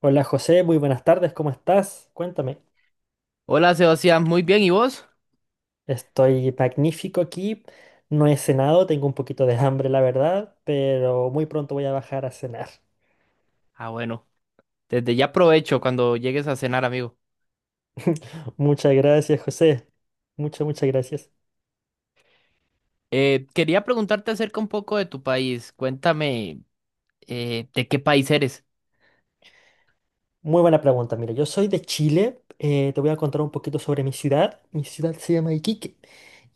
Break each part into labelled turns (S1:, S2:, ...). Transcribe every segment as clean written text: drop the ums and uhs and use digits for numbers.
S1: Hola José, muy buenas tardes, ¿cómo estás? Cuéntame.
S2: Hola Sebastián, muy bien, ¿y vos?
S1: Estoy magnífico aquí, no he cenado, tengo un poquito de hambre la verdad, pero muy pronto voy a bajar a cenar.
S2: Ah, bueno, desde ya aprovecho cuando llegues a cenar, amigo.
S1: Muchas gracias José, muchas, muchas gracias.
S2: Quería preguntarte acerca un poco de tu país. Cuéntame, ¿de qué país eres?
S1: Muy buena pregunta, mira, yo soy de Chile, te voy a contar un poquito sobre mi ciudad. Mi ciudad se llama Iquique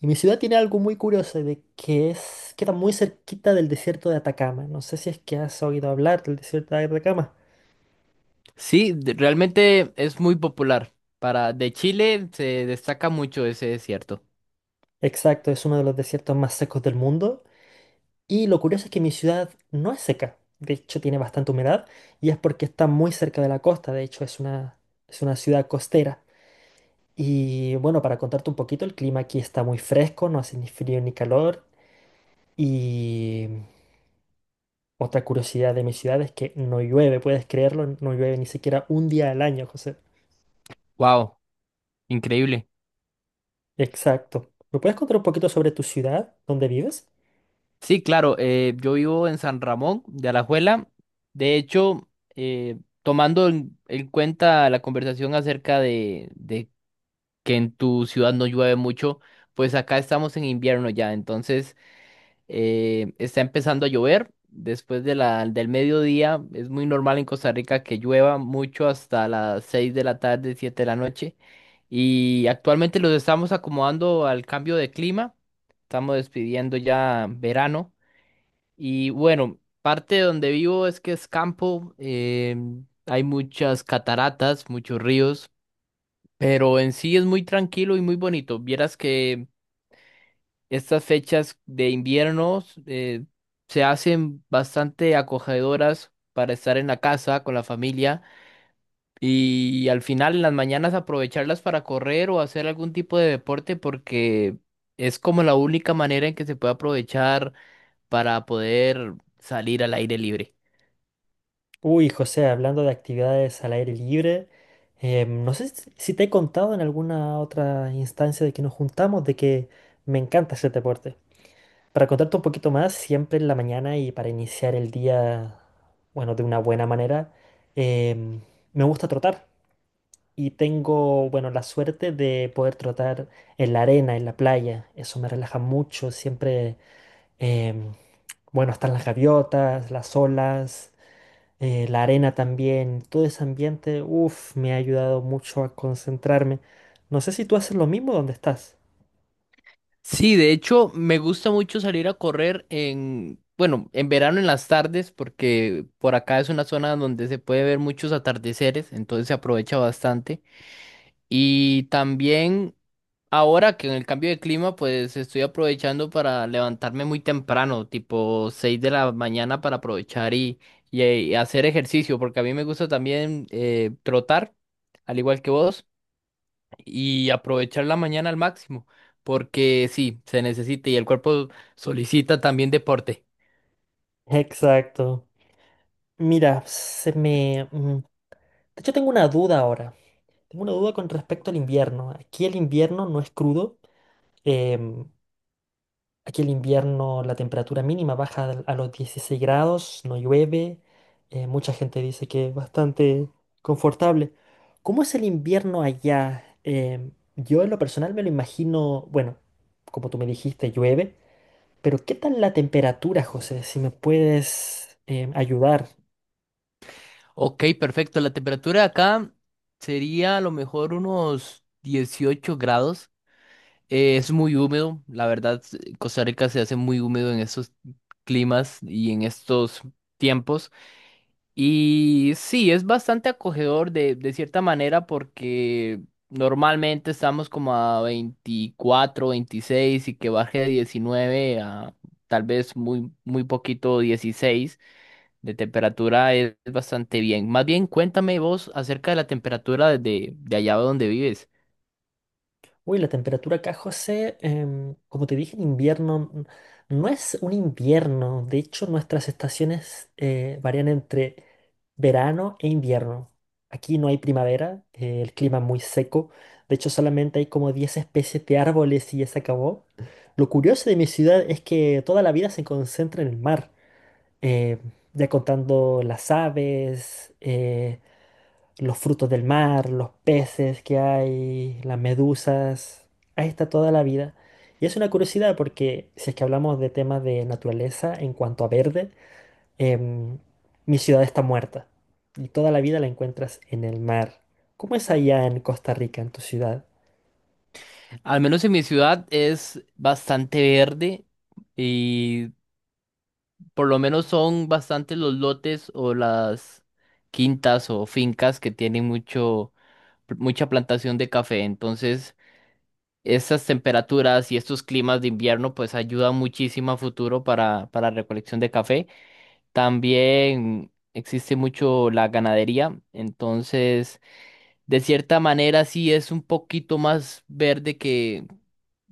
S1: y mi ciudad tiene algo muy curioso de que es, queda muy cerquita del desierto de Atacama. No sé si es que has oído hablar del desierto de Atacama.
S2: Sí, realmente es muy popular. Para de Chile se destaca mucho ese desierto.
S1: Exacto, es uno de los desiertos más secos del mundo. Y lo curioso es que mi ciudad no es seca, de hecho tiene bastante humedad y es porque está muy cerca de la costa, de hecho es una ciudad costera. Y bueno, para contarte un poquito, el clima aquí está muy fresco, no hace ni frío ni calor. Y otra curiosidad de mi ciudad es que no llueve, puedes creerlo, no llueve ni siquiera un día al año, José.
S2: Wow, increíble.
S1: Exacto. ¿Me puedes contar un poquito sobre tu ciudad, dónde vives?
S2: Sí, claro, yo vivo en San Ramón de Alajuela. De hecho, tomando en cuenta la conversación acerca de que en tu ciudad no llueve mucho, pues acá estamos en invierno ya, entonces está empezando a llover. Después de del mediodía, es muy normal en Costa Rica que llueva mucho hasta las 6 de la tarde, 7 de la noche. Y actualmente los estamos acomodando al cambio de clima. Estamos despidiendo ya verano. Y bueno, parte de donde vivo es que es campo. Hay muchas cataratas, muchos ríos. Pero en sí es muy tranquilo y muy bonito. Vieras que estas fechas de invierno se hacen bastante acogedoras para estar en la casa con la familia y al final en las mañanas aprovecharlas para correr o hacer algún tipo de deporte porque es como la única manera en que se puede aprovechar para poder salir al aire libre.
S1: Uy, José, hablando de actividades al aire libre, no sé si te he contado en alguna otra instancia de que nos juntamos, de que me encanta hacer deporte. Para contarte un poquito más, siempre en la mañana y para iniciar el día, bueno, de una buena manera, em, me gusta trotar y tengo, bueno, la suerte de poder trotar en la arena, en la playa. Eso me relaja mucho, siempre, em, bueno, están las gaviotas, las olas, la arena también, todo ese ambiente, uff, me ha ayudado mucho a concentrarme. No sé si tú haces lo mismo donde estás.
S2: Sí, de hecho, me gusta mucho salir a correr en, bueno, en verano en las tardes, porque por acá es una zona donde se puede ver muchos atardeceres, entonces se aprovecha bastante. Y también ahora que en el cambio de clima, pues estoy aprovechando para levantarme muy temprano, tipo 6 de la mañana para aprovechar y hacer ejercicio, porque a mí me gusta también trotar, al igual que vos y aprovechar la mañana al máximo, porque sí, se necesita y el cuerpo solicita también deporte.
S1: Exacto. Mira, de hecho, tengo una duda ahora. Tengo una duda con respecto al invierno. Aquí el invierno no es crudo. em, Aquí el invierno la temperatura mínima baja a los 16 grados, no llueve, mucha gente dice que es bastante confortable. ¿Cómo es el invierno allá? Yo en lo personal me lo imagino, bueno, como tú me dijiste, llueve, pero ¿qué tal la temperatura, José? Si me puedes ayudar.
S2: Ok, perfecto. La temperatura de acá sería a lo mejor unos 18 grados. Es muy húmedo, la verdad, Costa Rica se hace muy húmedo en estos climas y en estos tiempos. Y sí, es bastante acogedor de cierta manera porque normalmente estamos como a 24 26 y que baje de 19 a tal vez muy, muy poquito 16 de temperatura es bastante bien. Más bien, cuéntame vos acerca de la temperatura de allá donde vives.
S1: Uy, la temperatura acá, José, como te dije, en invierno no es un invierno. De hecho, nuestras estaciones varían entre verano e invierno. Aquí no hay primavera, el clima es muy seco. De hecho, solamente hay como 10 especies de árboles y ya se acabó. Lo curioso de mi ciudad es que toda la vida se concentra en el mar. eh, ya contando las aves, los frutos del mar, los peces que hay, las medusas. Ahí está toda la vida. Y es una curiosidad porque si es que hablamos de temas de naturaleza en cuanto a verde, em, mi ciudad está muerta y toda la vida la encuentras en el mar. ¿Cómo es allá en Costa Rica, en tu ciudad?
S2: Al menos en mi ciudad es bastante verde. Y por lo menos son bastantes los lotes o las quintas o fincas que tienen mucha plantación de café. Entonces, estas temperaturas y estos climas de invierno, pues ayudan muchísimo a futuro para recolección de café. También existe mucho la ganadería. Entonces, de cierta manera, sí es un poquito más verde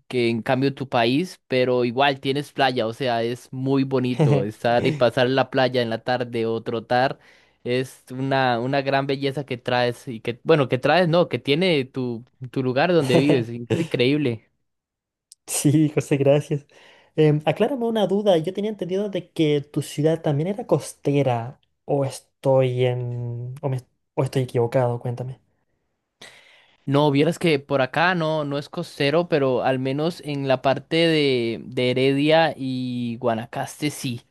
S2: que en cambio tu país, pero igual tienes playa, o sea, es muy bonito estar y pasar la playa en la tarde o trotar. Es una gran belleza que traes y que, bueno, que traes, no, que tiene tu lugar donde vives. Es increíble.
S1: Sí, José, gracias. Em, aclárame una duda. Yo tenía entendido de que tu ciudad también era costera, o estoy en, o me- o estoy equivocado, cuéntame.
S2: No, vieras que por acá no, no es costero, pero al menos en la parte de Heredia y Guanacaste sí.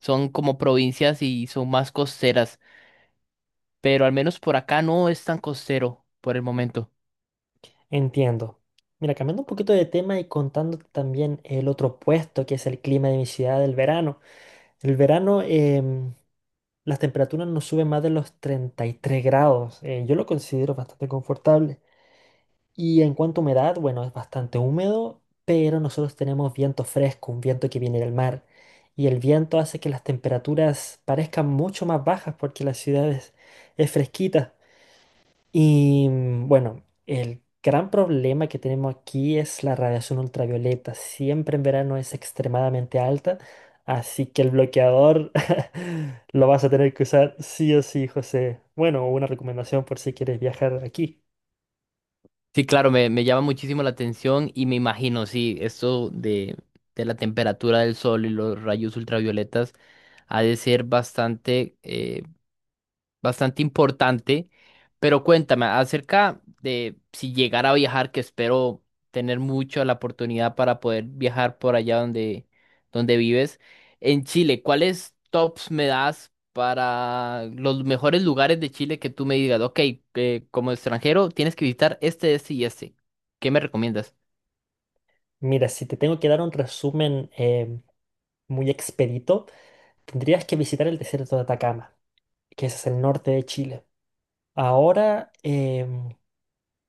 S2: Son como provincias y son más costeras, pero al menos por acá no es tan costero por el momento.
S1: Entiendo. Mira, cambiando un poquito de tema y contándote también el otro puesto, que es el clima de mi ciudad del verano. El verano, las temperaturas no suben más de los 33 grados. Yo lo considero bastante confortable. Y en cuanto a humedad, bueno, es bastante húmedo, pero nosotros tenemos viento fresco, un viento que viene del mar. Y el viento hace que las temperaturas parezcan mucho más bajas porque es fresquita. Y bueno, el gran problema que tenemos aquí es la radiación ultravioleta. Siempre en verano es extremadamente alta, así que el bloqueador lo vas a tener que usar sí o sí, José. Bueno, una recomendación por si quieres viajar aquí.
S2: Sí, claro, me llama muchísimo la atención y me imagino, sí, esto de la temperatura del sol y los rayos ultravioletas ha de ser bastante, bastante importante. Pero cuéntame acerca de si llegara a viajar, que espero tener mucho la oportunidad para poder viajar por allá donde vives. En Chile, ¿cuáles tops me das para los mejores lugares de Chile que tú me digas, ok, como extranjero tienes que visitar este, este y este? ¿Qué me recomiendas?
S1: Mira, si te tengo que dar un resumen muy expedito, tendrías que visitar el desierto de Atacama, que ese es el norte de Chile. Ahora,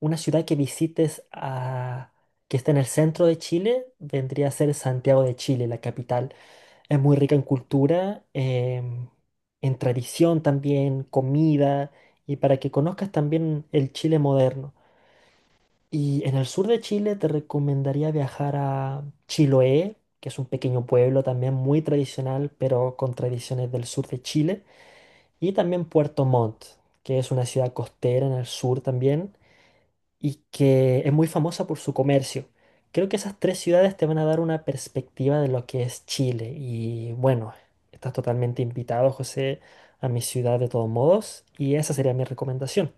S1: una ciudad que está en el centro de Chile vendría a ser Santiago de Chile, la capital. Es muy rica en cultura, en tradición también, comida, y para que conozcas también el Chile moderno. Y en el sur de Chile te recomendaría viajar a Chiloé, que es un pequeño pueblo también muy tradicional, pero con tradiciones del sur de Chile, y también Puerto Montt, que es una ciudad costera en el sur también y que es muy famosa por su comercio. Creo que esas tres ciudades te van a dar una perspectiva de lo que es Chile y bueno, estás totalmente invitado, José, a mi ciudad de todos modos y esa sería mi recomendación.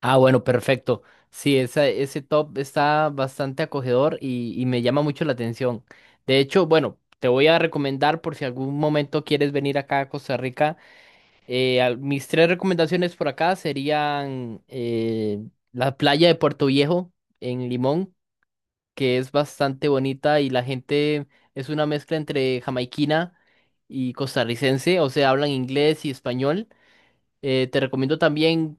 S2: Ah, bueno, perfecto. Sí, ese top está bastante acogedor y me llama mucho la atención. De hecho, bueno, te voy a recomendar por si algún momento quieres venir acá a Costa Rica. Mis tres recomendaciones por acá serían la playa de Puerto Viejo en Limón, que es bastante bonita y la gente es una mezcla entre jamaiquina y costarricense, o sea, hablan inglés y español. Te recomiendo también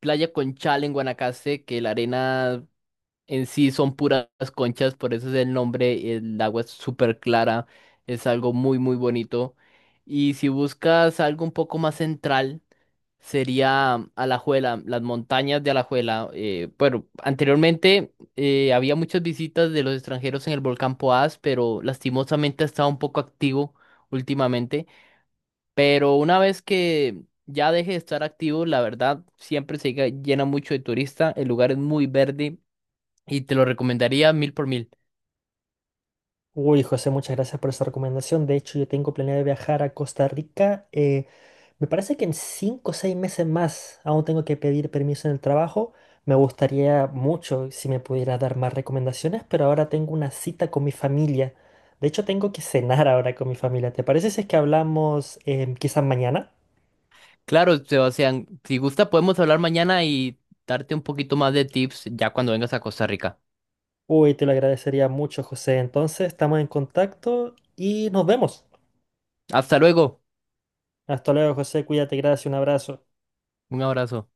S2: Playa Conchal en Guanacaste, que la arena en sí son puras conchas, por eso es el nombre, el agua es súper clara, es algo muy muy bonito. Y si buscas algo un poco más central, sería Alajuela, las montañas de Alajuela. Bueno, anteriormente había muchas visitas de los extranjeros en el volcán Poás, pero lastimosamente ha estado un poco activo últimamente. Pero una vez que ya deje de estar activo, la verdad, siempre se llena mucho de turista. El lugar es muy verde y te lo recomendaría mil por mil.
S1: Uy, José, muchas gracias por esa recomendación. De hecho, yo tengo planeado viajar a Costa Rica. Me parece que en 5 o 6 meses más aún tengo que pedir permiso en el trabajo. Me gustaría mucho si me pudiera dar más recomendaciones, pero ahora tengo una cita con mi familia. De hecho, tengo que cenar ahora con mi familia. ¿Te parece si es que hablamos quizás mañana?
S2: Claro, Sebastián, si gusta, podemos hablar mañana y darte un poquito más de tips ya cuando vengas a Costa Rica.
S1: Uy, te lo agradecería mucho, José. Entonces, estamos en contacto y nos vemos.
S2: Hasta luego.
S1: Hasta luego, José. Cuídate, gracias, un abrazo.
S2: Un abrazo.